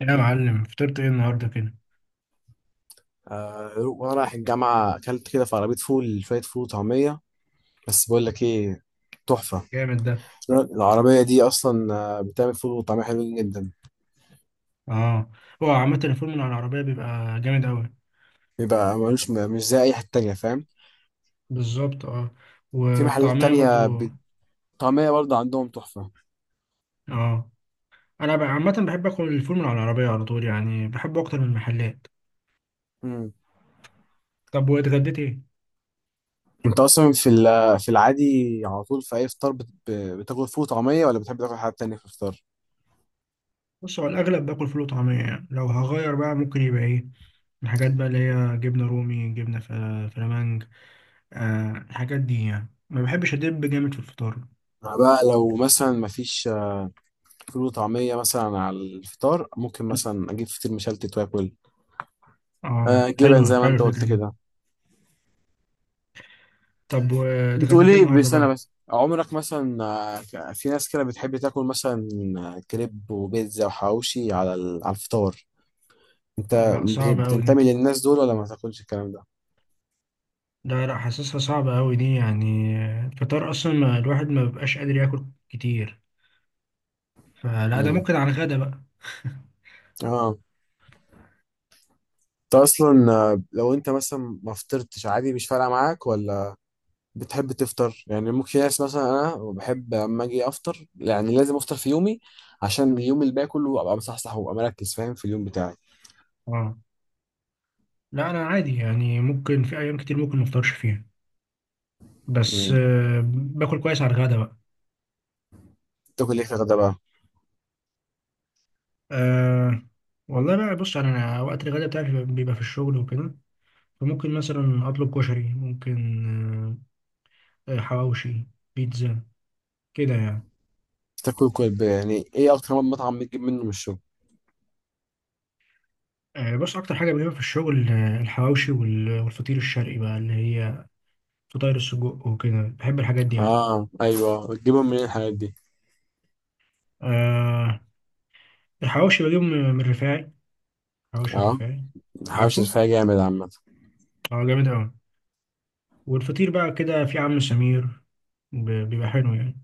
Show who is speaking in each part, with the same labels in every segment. Speaker 1: يا معلم، فطرت ايه النهارده كده؟
Speaker 2: آه، وانا رايح الجامعه اكلت كده في عربيه فول، شويه فول وطعميه. بس بقول لك ايه؟ تحفه.
Speaker 1: جامد ده.
Speaker 2: العربيه دي اصلا بتعمل فول وطعميه حلوين جدا.
Speaker 1: اه. هو عامة الفول من على العربية بيبقى جامد أوي.
Speaker 2: بيبقى ملوش، مش زي اي حته تانية، فاهم؟
Speaker 1: بالظبط، اه.
Speaker 2: في محلات
Speaker 1: والطعمية
Speaker 2: تانية
Speaker 1: برضو.
Speaker 2: طعميه برضه عندهم تحفه.
Speaker 1: اه. أنا بقى عامة بحب آكل الفول من على العربية على طول، يعني بحبه أكتر من المحلات.
Speaker 2: مم.
Speaker 1: طب واتغديت ايه؟
Speaker 2: انت اصلا في في العادي على طول في اي فطار بتاكل فول وطعميه ولا بتحب تاكل حاجه تانية في الفطار؟
Speaker 1: بص، هو الأغلب باكل فول وطعمية، يعني لو هغير بقى ممكن يبقى ايه؟ الحاجات بقى اللي هي جبنة رومي، جبنة فلامنج. الحاجات دي، يعني ما بحبش أدب جامد في الفطار.
Speaker 2: أنا بقى لو مثلا مفيش فول وطعميه مثلا على الفطار، ممكن مثلا اجيب فطير مشلتت واكل.
Speaker 1: اه،
Speaker 2: جبن
Speaker 1: حلوة
Speaker 2: زي ما
Speaker 1: حلوة
Speaker 2: انت
Speaker 1: الفكرة
Speaker 2: قلت
Speaker 1: دي.
Speaker 2: كده.
Speaker 1: طب واتغديت ايه
Speaker 2: بتقولي
Speaker 1: النهارده
Speaker 2: بسنة
Speaker 1: بقى؟
Speaker 2: بس عمرك مثلا، في ناس كده بتحب تاكل مثلا كريب وبيتزا وحواوشي على على الفطار. انت
Speaker 1: لا، صعبة أوي دي.
Speaker 2: بتنتمي للناس دول ولا ما تاكلش الكلام ده؟
Speaker 1: ده لا، حاسسها صعبة أوي دي يعني. الفطار أصلا ما الواحد ما بيبقاش قادر ياكل كتير، فلا ده
Speaker 2: امم
Speaker 1: ممكن على الغدا بقى.
Speaker 2: اه. انت اصلا لو انت مثلا ما فطرتش عادي، مش فارقة معاك، ولا بتحب تفطر؟ يعني ممكن في ناس، مثلا انا بحب اما اجي افطر، يعني لازم افطر في يومي، عشان اليوم اللي باقي كله ابقى مصحصح وابقى مركز، فاهم، في اليوم بتاعي.
Speaker 1: اه. لا، أنا عادي يعني، ممكن في أيام كتير ممكن ما أفطرش فيها، بس
Speaker 2: امم.
Speaker 1: باكل كويس على الغدا بقى.
Speaker 2: تاكل ايه في الغدا بقى؟
Speaker 1: أه، والله بقى بص، أنا وقت الغدا بتاعي بيبقى في الشغل وكده. فممكن مثلا أطلب كشري، ممكن حواوشي، بيتزا، كده يعني.
Speaker 2: تاكل كل يعني ايه اكتر مطعم بتجيب منه من الشغل؟
Speaker 1: آه، بص، أكتر حاجة بجيبها في الشغل الحواوشي والفطير الشرقي بقى، اللي هي فطاير السجق وكده. بحب الحاجات دي أوي.
Speaker 2: اه ايوه، تجيبهم منين الحاجات دي؟
Speaker 1: آه، الحواوشي بجيبه من الرفاعي. حواوشي
Speaker 2: اه،
Speaker 1: الرفاعي.
Speaker 2: الحوش
Speaker 1: عارفه؟
Speaker 2: الرفاعي جامد عامة.
Speaker 1: اه، جامد أوي. والفطير بقى كده في عم سمير، بيبقى حلو يعني.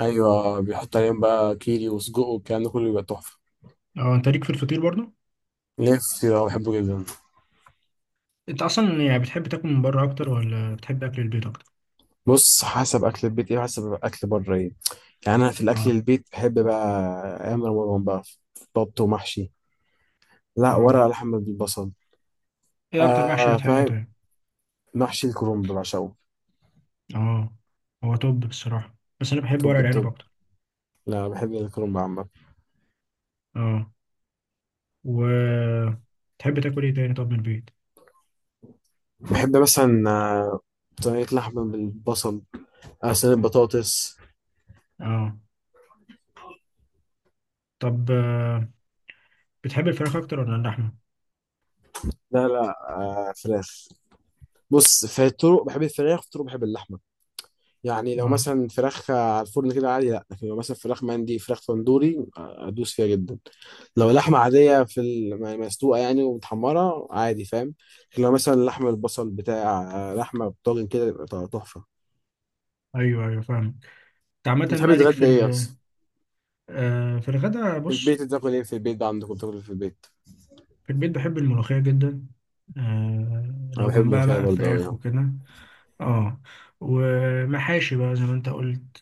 Speaker 2: ايوه، بيحط عليهم بقى كيري وسجق والكلام ده كله، بيبقى تحفة.
Speaker 1: اه، انت ليك في الفطير برضه؟
Speaker 2: نفسي، ده بحبه جدا.
Speaker 1: انت اصلا يعني بتحب تاكل من بره اكتر ولا بتحب اكل البيت اكتر؟
Speaker 2: بص حسب اكل البيت ايه وحسب اكل بره ايه. يعني انا في الاكل
Speaker 1: اه،
Speaker 2: البيت بحب بقى ايام رمضان بقى بط ومحشي. لا،
Speaker 1: اه.
Speaker 2: ورق لحمة بالبصل.
Speaker 1: ايه اكتر محشي بتحبه
Speaker 2: فاهم،
Speaker 1: طيب؟
Speaker 2: محشي الكرنب بعشقه.
Speaker 1: اه، هو توب بصراحة، بس انا بحب ورق
Speaker 2: توب
Speaker 1: العنب
Speaker 2: التوب.
Speaker 1: اكتر.
Speaker 2: لا، بحب الكرنب عامة.
Speaker 1: اه. و تحب تاكل ايه تاني طب من البيت؟
Speaker 2: بحب مثلا صينية لحمة بالبصل، صينية بطاطس.
Speaker 1: اه. طب، بتحب الفراخ اكتر ولا اللحمة؟
Speaker 2: لا لا، فراخ. بص، في الطرق بحب الفراخ، في الطرق بحب اللحمه. يعني لو
Speaker 1: اه،
Speaker 2: مثلا فراخ على الفرن كده عادي، لا. لكن لو مثلا فراخ مندي، فراخ تندوري، ادوس فيها جدا. لو لحمه عاديه في مسلوقه يعني ومتحمره، عادي، فاهم. لكن لو مثلا لحم البصل بتاع، لحمه بطاجن كده، يبقى تحفه.
Speaker 1: ايوه ايوه فاهمك. انت
Speaker 2: انت
Speaker 1: عامة
Speaker 2: بتحب
Speaker 1: بقى ليك في
Speaker 2: تتغدى ايه اصلا؟
Speaker 1: في الغدا.
Speaker 2: في
Speaker 1: بص،
Speaker 2: البيت بتاكل ايه؟ في البيت ده عندكم بتاكل إيه في البيت؟
Speaker 1: في البيت بحب الملوخية جدا،
Speaker 2: انا
Speaker 1: لو
Speaker 2: بحب
Speaker 1: جنبها
Speaker 2: الملوخيه
Speaker 1: بقى
Speaker 2: برضه قوي
Speaker 1: فراخ
Speaker 2: ما.
Speaker 1: وكده. اه، ومحاشي بقى زي ما انت قلت.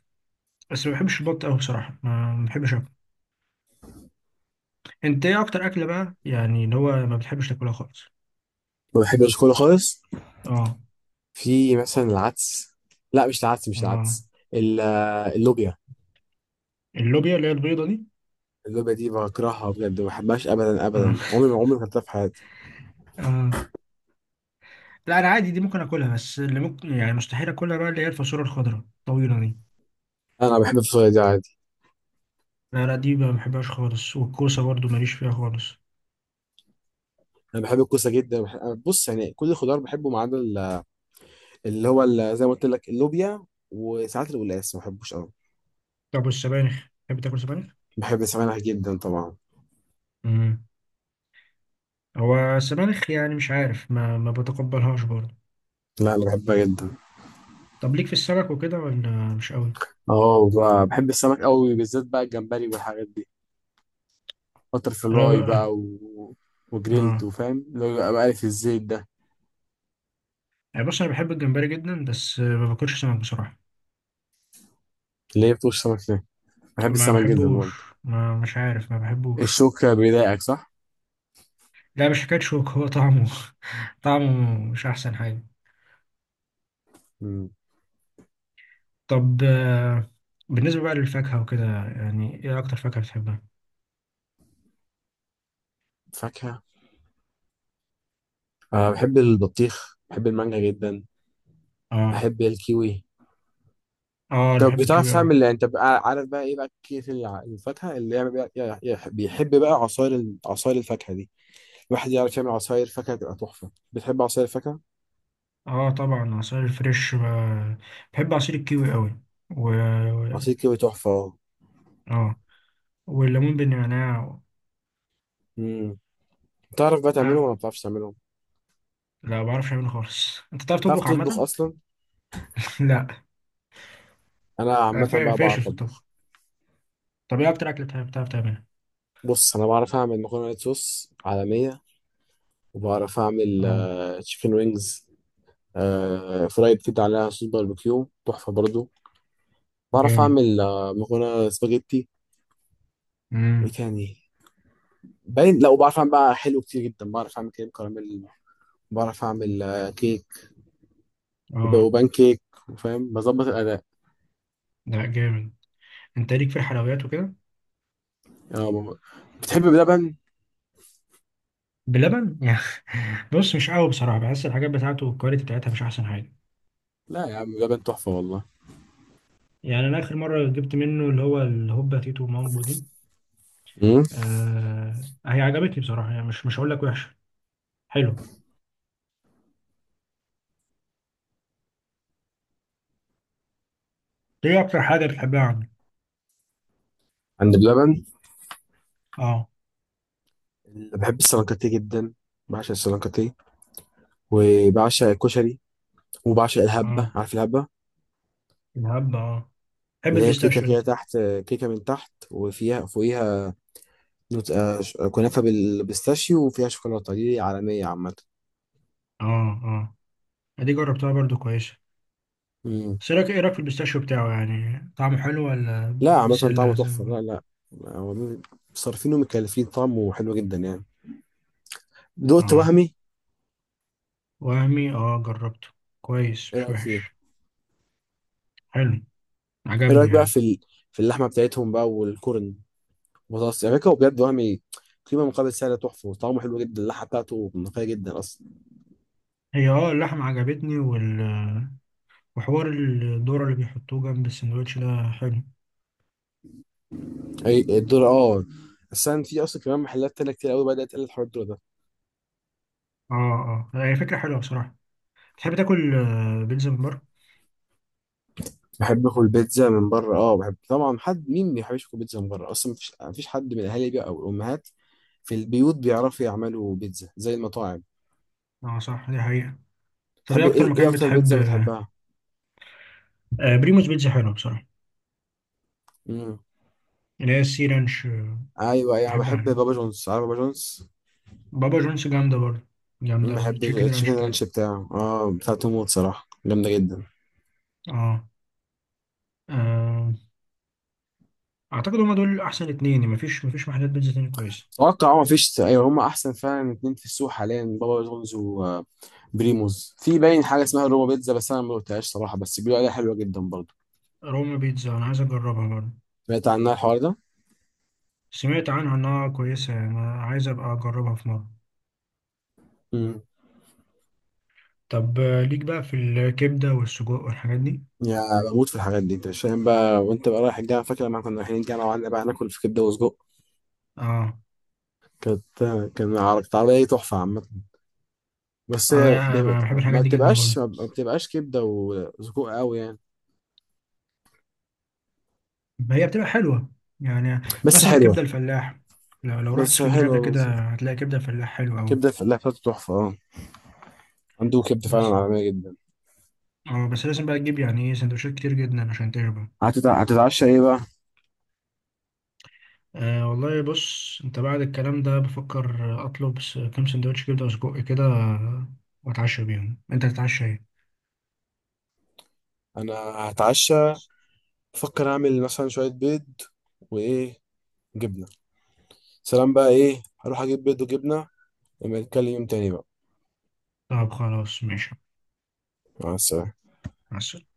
Speaker 1: بس ما بحبش البط قوي بصراحة، ما بحبش اكل. انت ايه اكتر اكلة بقى، يعني اللي هو ما بتحبش تاكلها خالص؟
Speaker 2: بحبش كله خالص.
Speaker 1: اه،
Speaker 2: في مثلا العدس، لا مش العدس، مش
Speaker 1: اه.
Speaker 2: العدس اللوبيا.
Speaker 1: اللوبيا اللي هي البيضة دي؟
Speaker 2: اللعبة دي بكرهها بجد، ما بحبهاش أبدا
Speaker 1: اه.
Speaker 2: أبدا، عمري ما، عمري ما كلتها في حياتي.
Speaker 1: اه. لا، انا عادي، دي ممكن اكلها، بس اللي ممكن يعني مستحيل اكلها بقى اللي هي الفاصوليا الخضراء الطويلة دي.
Speaker 2: أنا بحب الفصوليا دي عادي.
Speaker 1: لا لا، دي ما بحبهاش خالص، والكوسة برضو ماليش فيها خالص.
Speaker 2: أنا بحب الكوسة جدا. بح... أنا بص يعني كل الخضار بحبه ما عدا اللي هو زي ما قلت لك اللوبيا، وساعات القلقاس ما بحبوش أوي.
Speaker 1: طب، والسبانخ تحب تاكل سبانخ؟
Speaker 2: بحب السمك جدا طبعا.
Speaker 1: امم. هو السبانخ يعني مش عارف، ما بتقبلهاش برضه.
Speaker 2: لا أنا بحبها جدا.
Speaker 1: طب، ليك في السمك وكده ولا؟ مش قوي.
Speaker 2: أه، بحب السمك أوي، بالذات بقى الجمبري والحاجات دي. بتر
Speaker 1: انا
Speaker 2: فلاي
Speaker 1: ب...
Speaker 2: بقى، و... وجريلد،
Speaker 1: اه،
Speaker 2: وفاهم اللي هو بقى مقلي في الزيت ده.
Speaker 1: يعني بص، انا بحب الجمبري جدا بس ما باكلش سمك بصراحه.
Speaker 2: اللي هي بتوش سمك ده، بحب
Speaker 1: ما
Speaker 2: السمك جدا
Speaker 1: بحبوش.
Speaker 2: برضه.
Speaker 1: ما، مش عارف، ما بحبوش.
Speaker 2: الشوكة بيضايقك، صح؟
Speaker 1: لا، مش حكايه شوك، هو طعمه طعمه مش احسن حاجه.
Speaker 2: مم.
Speaker 1: طب، بالنسبه بقى للفاكهه وكده، يعني ايه اكتر فاكهه بتحبها؟
Speaker 2: فاكهة. أه، بحب البطيخ، بحب المانجا جدا،
Speaker 1: اه.
Speaker 2: بحب الكيوي.
Speaker 1: اه، انا
Speaker 2: طب
Speaker 1: بحب
Speaker 2: بتعرف
Speaker 1: الكيوي قوي.
Speaker 2: تعمل إيه؟ انت بقى عارف بقى ايه بقى كيف الفاكهه اللي يعمل بقى، بيحب بقى عصاير عصاير الفاكهه دي. الواحد يعرف يعمل عصاير فاكهه تبقى تحفه. بتحب عصاير الفاكهه؟
Speaker 1: اه، طبعا عصير الفريش، بحب عصير الكيوي قوي، و
Speaker 2: عصير كيوي تحفه.
Speaker 1: اه، والليمون بالنعناع.
Speaker 2: امم. بتعرف بقى تعملهم ولا
Speaker 1: آه.
Speaker 2: ما بتعرفش تعملهم؟
Speaker 1: لا، ما بعرفش اعمله خالص. انت بتعرف
Speaker 2: بتعرف
Speaker 1: تطبخ
Speaker 2: تطبخ
Speaker 1: عامة؟
Speaker 2: اصلا؟
Speaker 1: لا،
Speaker 2: انا عامه بقى
Speaker 1: فاشل
Speaker 2: بعرف
Speaker 1: في الطبخ.
Speaker 2: اطبخ.
Speaker 1: طب ايه اكتر اكلة بتعرف تعملها؟
Speaker 2: بص انا بعرف اعمل مكرونه وايت صوص عالميه، وبعرف
Speaker 1: اه،
Speaker 2: اعمل تشيكن وينجز، فرايد كده عليها صوص باربيكيو تحفه برضو. بعرف
Speaker 1: جامد.
Speaker 2: اعمل مكرونه سباجيتي. وايه
Speaker 1: امم.
Speaker 2: تاني؟ باين، لا، وبعرف اعمل بقى حلو كتير جدا. بعرف اعمل كريم كراميل، بعرف اعمل كيك،
Speaker 1: اه،
Speaker 2: وبان كيك، وفاهم بظبط الاداء.
Speaker 1: لا جامد. انت ليك في الحلويات وكده؟
Speaker 2: آه، ب- بتحب بلبن؟
Speaker 1: بلبن؟ يعني بص، مش قوي بصراحة، بحس الحاجات بتاعته والكواليتي بتاعتها مش احسن حاجة.
Speaker 2: لا يا عم بلبن تحفه والله.
Speaker 1: يعني انا اخر مرة جبت منه اللي هو الهوبا تيتو مامبو دي.
Speaker 2: امم.
Speaker 1: آه، هي عجبتني بصراحة يعني، مش هقول لك وحشة. حلو. ايه اكتر حاجه بتحبها عنه؟
Speaker 2: عند بلبن
Speaker 1: اه.
Speaker 2: اللي بحب السلانكاتيه جدا، بعشق السلانكاتيه، وبعشق الكشري، وبعشق الهبه.
Speaker 1: اه،
Speaker 2: عارف الهبه؟
Speaker 1: الهبه، اه. بتحب
Speaker 2: اللي هي كيكه
Speaker 1: البيستاشيو
Speaker 2: كده
Speaker 1: انت؟
Speaker 2: تحت، كيكه من تحت وفيها فوقيها، كنافه بالبيستاشيو وفيها شوكولاته، دي عالميه عامه.
Speaker 1: اه، اه. دي جربتها برضو كويسه.
Speaker 2: مم.
Speaker 1: بس إيه رايك في البيستاشيو بتاعه؟ يعني طعمه حلو ولا؟
Speaker 2: لا عامة
Speaker 1: بسله
Speaker 2: طعمه
Speaker 1: زي ما
Speaker 2: تحفة، لا
Speaker 1: بقول.
Speaker 2: لا. هو مين- صارفين ومكلفين، طعمه حلو جدا يعني. دقت
Speaker 1: اه،
Speaker 2: وهمي؟
Speaker 1: وهمي، اه جربته. كويس
Speaker 2: ايه
Speaker 1: مش
Speaker 2: رأيك فيه؟
Speaker 1: وحش. حلو.
Speaker 2: ايه
Speaker 1: عجبني
Speaker 2: رأيك بقى
Speaker 1: يعني.
Speaker 2: في ال... في اللحمة بتاعتهم بقى والكرن بطاطس، يعني فكرة بجد وهمي. قيمة مقابل سعر تحفة، وطعمه حلو جدا، اللحمة بتاعته نقية جدا أصلا.
Speaker 1: هي، اه، اللحمه عجبتني وحوار الذره اللي بيحطوه جنب السندوتش ده حلو.
Speaker 2: أي الدور، اه. أصلا في، أصلا كمان محلات تانية كتير قوي بدأت تقلل حوار الدور ده.
Speaker 1: اه، اه. هي فكره حلوه بصراحه. تحب تاكل بيتزا من بره؟
Speaker 2: بحب آكل بيتزا من بره اه، بحب طبعا. حد مين ما بيحبش ياكل بيتزا من بره؟ أصلا مفيش حد من الأهالي بقى أو الأمهات في البيوت بيعرفوا يعملوا بيتزا زي المطاعم.
Speaker 1: اه صح، دي حقيقه. طب ايه
Speaker 2: تحب
Speaker 1: اكتر
Speaker 2: ايه؟ ايه
Speaker 1: مكان
Speaker 2: اكتر
Speaker 1: بتحب؟
Speaker 2: بيتزا بتحبها؟
Speaker 1: بريموس بيتزا حلوة بصراحة،
Speaker 2: مم.
Speaker 1: اللي هي السي رانش
Speaker 2: ايوه ايوه، انا
Speaker 1: بحبها
Speaker 2: بحب
Speaker 1: يعني.
Speaker 2: بابا جونز. عارف بابا جونز؟
Speaker 1: بابا جونز جامدة برضه،
Speaker 2: أمم،
Speaker 1: جامدة
Speaker 2: بحب
Speaker 1: والتشيكن رانش
Speaker 2: التشيكن
Speaker 1: بتاعتها.
Speaker 2: رانش بتاعه، اه بتاع توموت، صراحه جامده جدا.
Speaker 1: اه، آه، أعتقد هما دول أحسن اتنين، يعني مفيش محلات بيتزا تاني كويسة.
Speaker 2: اتوقع اه مفيش، ايوه هما احسن فعلا اتنين في السوق حاليا، بابا جونز وبريموز. في باين حاجه اسمها روما بيتزا، بس انا ما دقتهاش صراحه، بس بيقولوا عليها حلوه جدا برضه.
Speaker 1: روما بيتزا أنا عايز أجربها برضه.
Speaker 2: سمعت عنها الحوار ده.
Speaker 1: سمعت عنها إنها كويسة، يعني أنا عايز أبقى أجربها في مرة.
Speaker 2: مم.
Speaker 1: طب، ليك بقى في الكبدة والسجق والحاجات دي؟
Speaker 2: يا، بموت في الحاجات دي. انت مش فاهم بقى، وانت بقى رايح الجامعه، فاكر لما كنا رايحين الجامعه وقعدنا بقى ناكل في كبده وسجق؟
Speaker 1: اه،
Speaker 2: كانت، كانت عربيه تحفه عامه. بس
Speaker 1: اه.
Speaker 2: هي
Speaker 1: يعني أنا بحب
Speaker 2: ما
Speaker 1: الحاجات دي جدا برضه،
Speaker 2: بتبقاش ما بتبقاش كبده وسجق قوي يعني.
Speaker 1: هي بتبقى حلوة يعني.
Speaker 2: بس
Speaker 1: مثلا
Speaker 2: حلوه،
Speaker 1: كبدة الفلاح، لو رحت
Speaker 2: بس
Speaker 1: اسكندرية قبل
Speaker 2: حلوه بس.
Speaker 1: كده هتلاقي كبدة الفلاح حلوة أوي.
Speaker 2: كبده الفلاح بتاعته تحفه اه، عنده كبده
Speaker 1: بس
Speaker 2: فعلا عالميه جدا.
Speaker 1: اه بس لازم بقى تجيب يعني ايه، سندوتشات كتير جدا عشان تشبع.
Speaker 2: هتتعشى ايه بقى؟
Speaker 1: آه، والله بص، انت بعد الكلام ده بفكر اطلب كام سندوتش كبده وسجق كده، واتعشى بيهم. انت تتعشى ايه؟
Speaker 2: انا هتعشى، افكر اعمل مثلا شويه بيض، وايه، جبنه. سلام بقى، ايه هروح اجيب بيض وجبنه، نبقى نتكلم يوم تاني بقى.
Speaker 1: طب خلاص، ماشي.
Speaker 2: مع السلامه.
Speaker 1: مع السلامة.